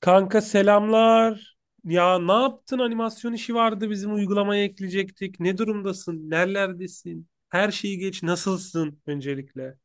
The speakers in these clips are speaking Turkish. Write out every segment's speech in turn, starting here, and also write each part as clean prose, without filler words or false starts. Kanka selamlar. Ya ne yaptın? Animasyon işi vardı bizim uygulamaya ekleyecektik. Ne durumdasın? Nerelerdesin? Her şeyi geç. Nasılsın öncelikle?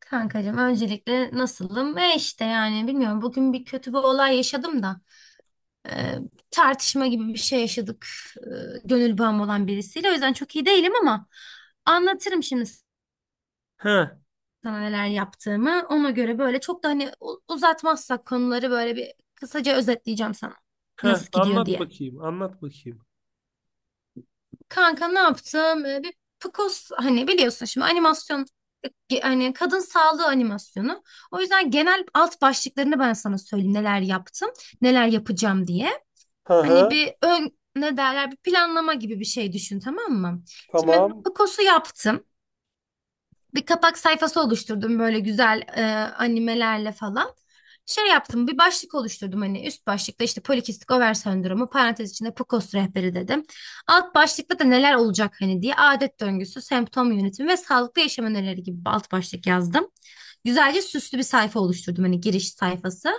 Kankacığım öncelikle nasılım? İşte yani bilmiyorum bugün bir kötü bir olay yaşadım da e, tartışma gibi bir şey yaşadık e, gönül bağım olan birisiyle. O yüzden çok iyi değilim ama anlatırım şimdi Heh, sana neler yaptığımı. Ona göre böyle çok da hani uzatmazsak konuları böyle bir kısaca özetleyeceğim sana heh, nasıl gidiyor anlat diye. bakayım. Anlat bakayım. Kanka ne yaptım? Bir PCOS hani biliyorsun şimdi animasyon, hani kadın sağlığı animasyonu. O yüzden genel alt başlıklarını ben sana söyleyeyim neler yaptım, neler yapacağım diye. Hı Hani hı. bir ön ne derler bir planlama gibi bir şey düşün, tamam mı? Şimdi Tamam. PCOS'u yaptım, bir kapak sayfası oluşturdum böyle güzel animelerle falan. Şey yaptım, bir başlık oluşturdum, hani üst başlıkta işte polikistik over sendromu parantez içinde PCOS rehberi dedim. Alt başlıkta da neler olacak hani diye adet döngüsü, semptom yönetimi ve sağlıklı yaşam önerileri gibi bir alt başlık yazdım. Güzelce süslü bir sayfa oluşturdum, hani giriş sayfası.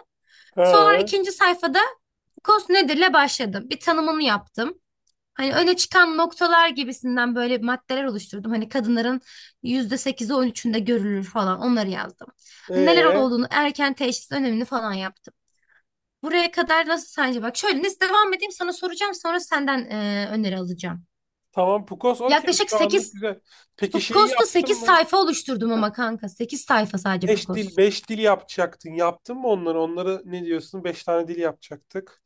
Sonra Hı. ikinci sayfada PCOS nedirle başladım. Bir tanımını yaptım. Hani öne çıkan noktalar gibisinden böyle maddeler oluşturdum. Hani kadınların yüzde sekizi on üçünde görülür falan, onları yazdım. Hani neler Ee, olduğunu, erken teşhis önemini falan yaptım. Buraya kadar nasıl sence? Bak şöyle, nasıl devam edeyim sana soracağım, sonra senden öneri alacağım. tamam Pukos okey Yaklaşık şu anlık 8 güzel. Peki şeyi Pukos'ta yaptın 8 mı? sayfa oluşturdum ama kanka 8 sayfa sadece Beş dil, Pukos. beş dil yapacaktın. Yaptın mı onları? Onları ne diyorsun? Beş tane dil yapacaktık.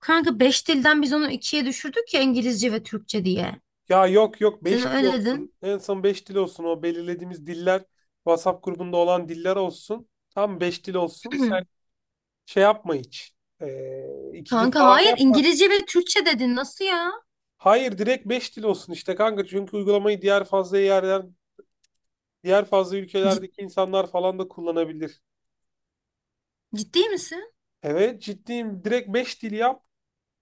Kanka 5 dilden biz onu ikiye düşürdük ya, İngilizce ve Türkçe diye. Ya yok yok Sen 5 dil öyle olsun. dedin. En son 5 dil olsun. O belirlediğimiz diller WhatsApp grubunda olan diller olsun. Tam 5 dil olsun. Sen şey yapma hiç. Ee, iki dil Kanka falan hayır, yapma. İngilizce ve Türkçe dedin, nasıl ya? Hayır direkt 5 dil olsun işte kanka. Çünkü uygulamayı diğer fazla yerden, diğer fazla ülkelerdeki insanlar falan da kullanabilir. Ciddi misin? Evet ciddiyim. Direkt 5 dil yap.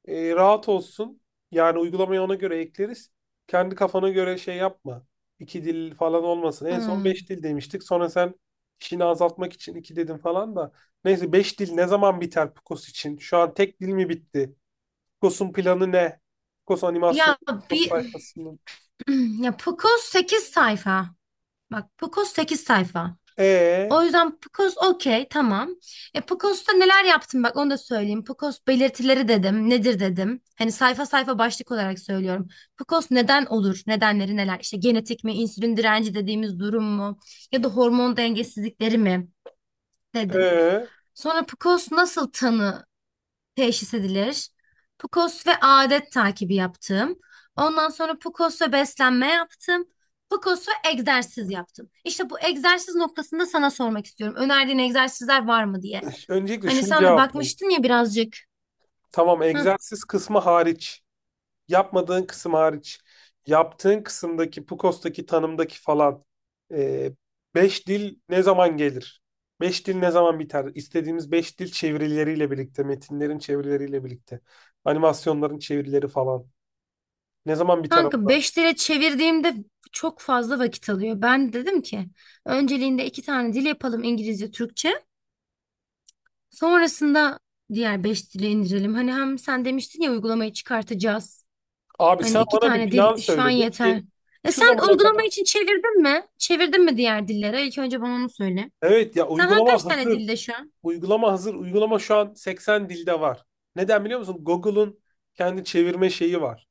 Rahat olsun. Yani uygulamayı ona göre ekleriz. Kendi kafana göre şey yapma. İki dil falan olmasın. En son Hmm. beş dil demiştik. Sonra sen işini azaltmak için iki dedin falan da. Neyse beş dil ne zaman biter Picos için? Şu an tek dil mi bitti? Picos'un planı ne? Picos animasyonu, Ya Picos bir sayfasının. ya Pukos 8 sayfa. Bak Pukos 8 sayfa. Ee, O yüzden Pukos okey, tamam. E Pukos'ta neler yaptım, bak onu da söyleyeyim. Pukos belirtileri dedim. Nedir dedim. Hani sayfa sayfa başlık olarak söylüyorum. Pukos neden olur? Nedenleri neler? İşte genetik mi, insülin direnci dediğimiz durum mu? Ya da hormon dengesizlikleri mi? E, Dedim. ö. Sonra Pukos nasıl tanı teşhis edilir. PCOS ve adet takibi yaptım. Ondan sonra PCOS ve beslenme yaptım. PCOS ve egzersiz yaptım. İşte bu egzersiz noktasında sana sormak istiyorum. Önerdiğin egzersizler var mı diye. Öncelikle Hani şunu sen de cevapla. bakmıştın ya birazcık. Tamam Hı. egzersiz kısmı hariç. Yapmadığın kısım hariç yaptığın kısımdaki PUKOS'taki tanımdaki falan e, beş dil ne zaman gelir? Beş dil ne zaman biter? İstediğimiz beş dil çevirileriyle birlikte, metinlerin çevirileriyle birlikte, animasyonların çevirileri falan. Ne zaman biter Kanka onlar? 5 lira çevirdiğimde çok fazla vakit alıyor. Ben dedim ki önceliğinde iki tane dil yapalım, İngilizce, Türkçe. Sonrasında diğer 5 dili indirelim. Hani hem sen demiştin ya, uygulamayı çıkartacağız. Abi Hani sen iki bana bir tane plan dil şu an söyledi ki yeter. E şu sen zamana kadar, uygulama için çevirdin mi? Çevirdin mi diğer dillere? İlk önce bana onu söyle. evet ya, Sen hangi uygulama kaç tane hazır. dilde şu an? Uygulama hazır. Uygulama şu an 80 dilde var. Neden biliyor musun? Google'un kendi çevirme şeyi var.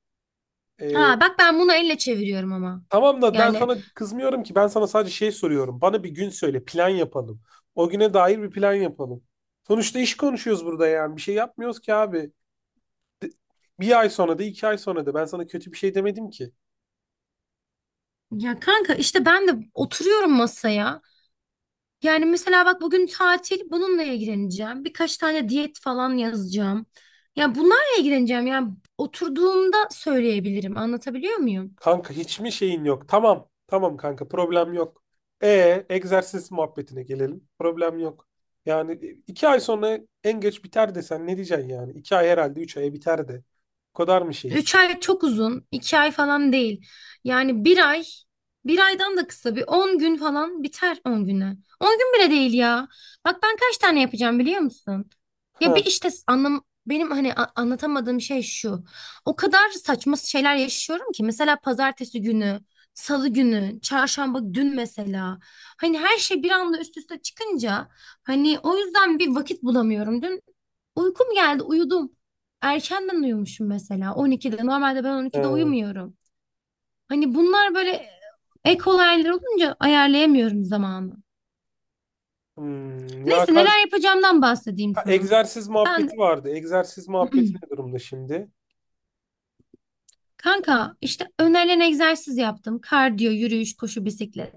Ee, Ha bak ben bunu elle çeviriyorum ama. Tamam da ben Yani sana kızmıyorum ki. Ben sana sadece şey soruyorum. Bana bir gün söyle, plan yapalım. O güne dair bir plan yapalım. Sonuçta iş konuşuyoruz burada yani. Bir şey yapmıyoruz ki abi. De- Bir ay sonra da iki ay sonra da ben sana kötü bir şey demedim ki. ya kanka, işte ben de oturuyorum masaya. Yani mesela bak, bugün tatil, bununla ilgileneceğim. Birkaç tane diyet falan yazacağım. Ya bunlarla ilgileneceğim. Yani oturduğumda söyleyebilirim. Anlatabiliyor muyum? Kanka hiç mi şeyin yok? Tamam. Tamam kanka problem yok. E egzersiz muhabbetine gelelim. Problem yok. Yani iki ay sonra en geç biter desen ne diyeceksin yani? İki ay herhalde, üç aya biter de. O kadar mı şeyiz? Üç ay çok uzun, iki ay falan değil. Yani bir ay, bir aydan da kısa, bir 10 gün falan biter, 10 güne. 10 gün bile değil ya. Bak ben kaç tane yapacağım biliyor musun? Ya Ha, bir işte anlam, benim hani anlatamadığım şey şu. O kadar saçma şeyler yaşıyorum ki, mesela pazartesi günü, salı günü, çarşamba, dün mesela. Hani her şey bir anda üst üste çıkınca hani o yüzden bir vakit bulamıyorum. Dün uykum geldi, uyudum. Erkenden uyumuşum mesela 12'de. Normalde ben 12'de he. uyumuyorum. Hani bunlar böyle ek olaylar olunca ayarlayamıyorum zamanı. Ya Neyse, neler kanka, yapacağımdan bahsedeyim ha, sana. egzersiz Ben muhabbeti vardı. Egzersiz muhabbeti ne durumda şimdi? kanka işte önerilen egzersiz yaptım. Kardiyo, yürüyüş, koşu, bisiklet.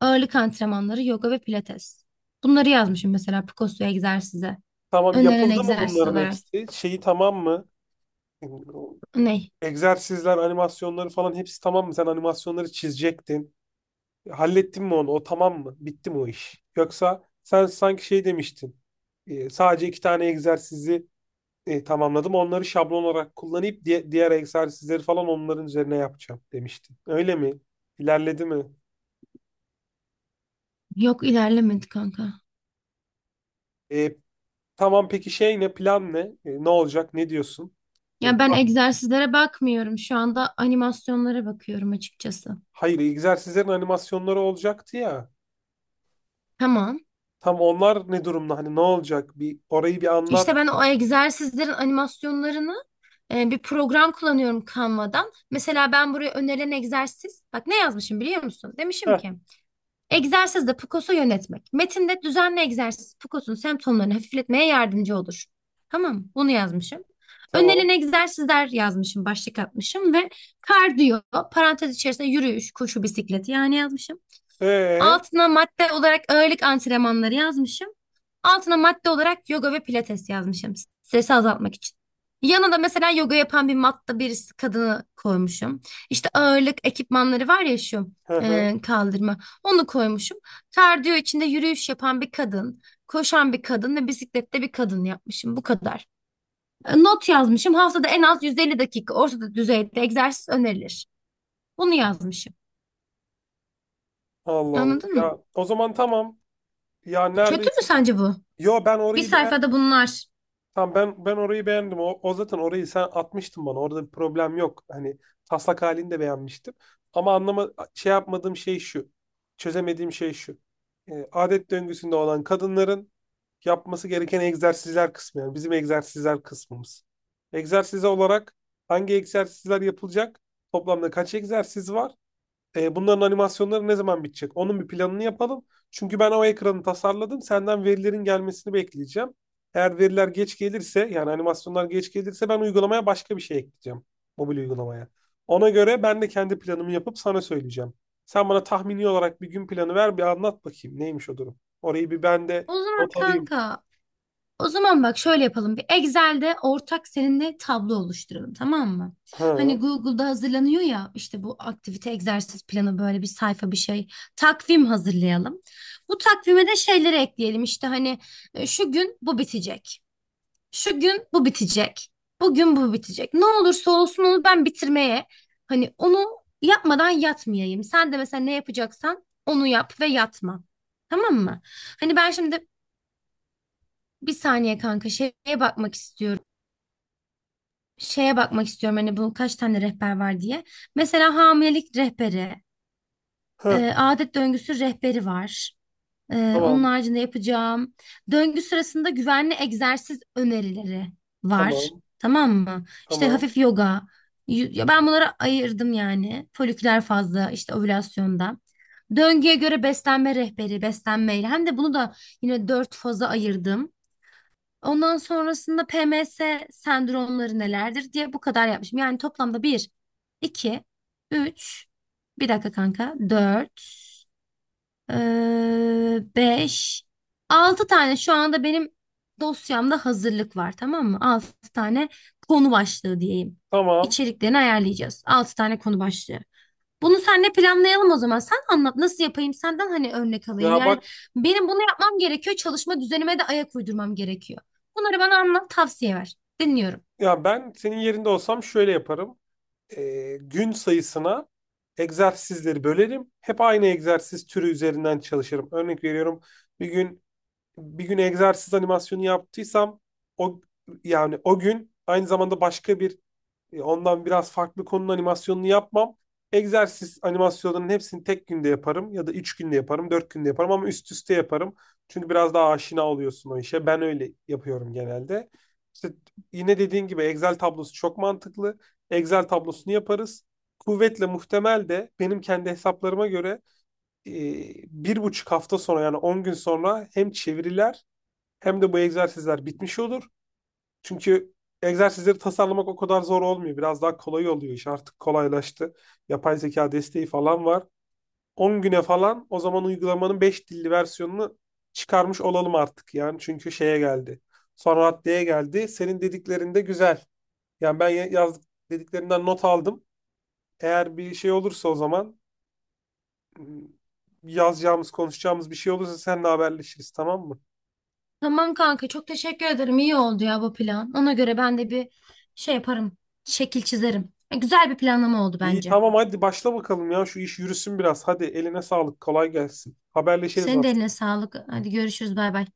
Ağırlık antrenmanları, yoga ve pilates. Bunları yazmışım mesela Picosso egzersize. Tamam Önerilen yapıldı mı egzersiz bunların olarak. hepsi? Şeyi tamam mı? Ne? Egzersizler, animasyonları falan hepsi tamam mı? Sen animasyonları çizecektin. Hallettin mi onu? O tamam mı? Bitti mi o iş? Yoksa sen sanki şey demiştin. Sadece 2 tane egzersizi tamamladım. Onları şablon olarak kullanıp diğer egzersizleri falan onların üzerine yapacağım demiştin. Öyle mi? İlerledi mi? Yok, ilerlemedi kanka. E, tamam peki şey ne? Plan ne? Ne olacak? Ne diyorsun? E, Ya ben egzersizlere bakmıyorum. Şu anda animasyonlara bakıyorum açıkçası. hayır, egzersizlerin animasyonları olacaktı ya. Tamam. Tam onlar ne durumda? Hani ne olacak? Bir orayı bir İşte anlat. ben o egzersizlerin animasyonlarını, bir program kullanıyorum Canva'dan. Mesela ben buraya önerilen egzersiz, bak ne yazmışım biliyor musun? Demişim Heh, ki egzersizde PCOS'u yönetmek. Metinde düzenli egzersiz PCOS'un semptomlarını hafifletmeye yardımcı olur. Tamam, bunu yazmışım. Önerilen tamam. egzersizler yazmışım, başlık atmışım ve kardiyo, parantez içerisinde yürüyüş, koşu, bisiklet yani yazmışım. Ee, Altına madde olarak ağırlık antrenmanları yazmışım. Altına madde olarak yoga ve pilates yazmışım. Stresi azaltmak için. Yanına da mesela yoga yapan bir matta birisi kadını koymuşum. İşte ağırlık ekipmanları var ya, şu hı hı. Kaldırma. Onu koymuşum. Kardiyo içinde yürüyüş yapan bir kadın, koşan bir kadın ve bisiklette bir kadın yapmışım. Bu kadar. E, not yazmışım. Haftada en az 150 dakika orta düzeyde egzersiz önerilir. Bunu yazmışım. Allah Allah. Anladın mı? Ya o zaman tamam. Ya Kötü mü neredeyse. sence bu? Yo ben Bir orayı sayfada beğendim. bunlar. Tamam ben orayı beğendim. O zaten orayı sen atmıştın bana. Orada bir problem yok. Hani taslak halini de beğenmiştim. Ama anlama şey yapmadığım şey şu. Çözemediğim şey şu. Adet döngüsünde olan kadınların yapması gereken egzersizler kısmı. Yani bizim egzersizler kısmımız. Egzersiz olarak hangi egzersizler yapılacak? Toplamda kaç egzersiz var? Bunların animasyonları ne zaman bitecek? Onun bir planını yapalım. Çünkü ben o ekranı tasarladım. Senden verilerin gelmesini bekleyeceğim. Eğer veriler geç gelirse yani animasyonlar geç gelirse ben uygulamaya başka bir şey ekleyeceğim. Mobil uygulamaya. Ona göre ben de kendi planımı yapıp sana söyleyeceğim. Sen bana tahmini olarak bir gün planı ver, bir anlat bakayım neymiş o durum. Orayı bir ben de O zaman not alayım. kanka, o zaman bak şöyle yapalım. Bir Excel'de ortak seninle tablo oluşturalım, tamam mı? Hani Ha, Google'da hazırlanıyor ya, işte bu aktivite egzersiz planı böyle bir sayfa bir şey. Takvim hazırlayalım. Bu takvime de şeyleri ekleyelim. İşte hani şu gün bu bitecek. Şu gün bu bitecek. Bugün bu bitecek. Ne olursa olsun onu ben bitirmeye, hani onu yapmadan yatmayayım. Sen de mesela ne yapacaksan onu yap ve yatma. Tamam mı? Hani ben şimdi bir saniye kanka şeye bakmak istiyorum. Şeye bakmak istiyorum hani bu kaç tane rehber var diye. Mesela hamilelik rehberi, ha, adet döngüsü rehberi var. Onun tamam, haricinde yapacağım. Döngü sırasında güvenli egzersiz önerileri var. tamam, Tamam mı? İşte tamam, hafif yoga. Ya ben bunları ayırdım yani. Foliküler fazla, işte ovülasyonda. Döngüye göre beslenme rehberi, beslenmeyle. Hem de bunu da yine dört faza ayırdım. Ondan sonrasında PMS sendromları nelerdir diye bu kadar yapmışım. Yani toplamda bir, iki, üç, bir dakika kanka, dört. Beş. Altı tane şu anda benim dosyamda hazırlık var, tamam mı? Altı tane konu başlığı diyeyim. tamam. İçeriklerini ayarlayacağız. Altı tane konu başlığı. Bunu senle planlayalım o zaman. Sen anlat nasıl yapayım, senden hani örnek alayım. Ya Yani bak, benim bunu yapmam gerekiyor. Çalışma düzenime de ayak uydurmam gerekiyor. Bunları bana anlat, tavsiye ver. Dinliyorum. ya ben senin yerinde olsam şöyle yaparım. Gün sayısına egzersizleri bölerim. Hep aynı egzersiz türü üzerinden çalışırım. Örnek veriyorum, bir gün bir gün egzersiz animasyonu yaptıysam o, yani o gün aynı zamanda başka bir ondan biraz farklı konunun animasyonunu yapmam. Egzersiz animasyonlarının hepsini tek günde yaparım ya da 3 günde yaparım, 4 günde yaparım ama üst üste yaparım. Çünkü biraz daha aşina oluyorsun o işe. Ben öyle yapıyorum genelde. İşte yine dediğin gibi Excel tablosu çok mantıklı. Excel tablosunu yaparız. Kuvvetle muhtemel de benim kendi hesaplarıma göre e, 1,5 hafta sonra, yani 10 gün sonra, hem çeviriler hem de bu egzersizler bitmiş olur. Çünkü egzersizleri tasarlamak o kadar zor olmuyor. Biraz daha kolay oluyor, iş artık kolaylaştı. Yapay zeka desteği falan var. 10 güne falan o zaman uygulamanın 5 dilli versiyonunu çıkarmış olalım artık. Yani çünkü şeye geldi. Son raddeye geldi. Senin dediklerin de güzel. Yani ben yazdık, dediklerinden not aldım. Eğer bir şey olursa o zaman, ım, yazacağımız, konuşacağımız bir şey olursa seninle haberleşiriz, tamam mı? Tamam kanka, çok teşekkür ederim. İyi oldu ya bu plan. Ona göre ben de bir şey yaparım. Şekil çizerim. Yani güzel bir planlama oldu İyi bence. tamam, hadi başla bakalım ya, şu iş yürüsün biraz. Hadi eline sağlık, kolay gelsin. Haberleşiriz Senin de aslında. eline sağlık. Hadi görüşürüz. Bay bay.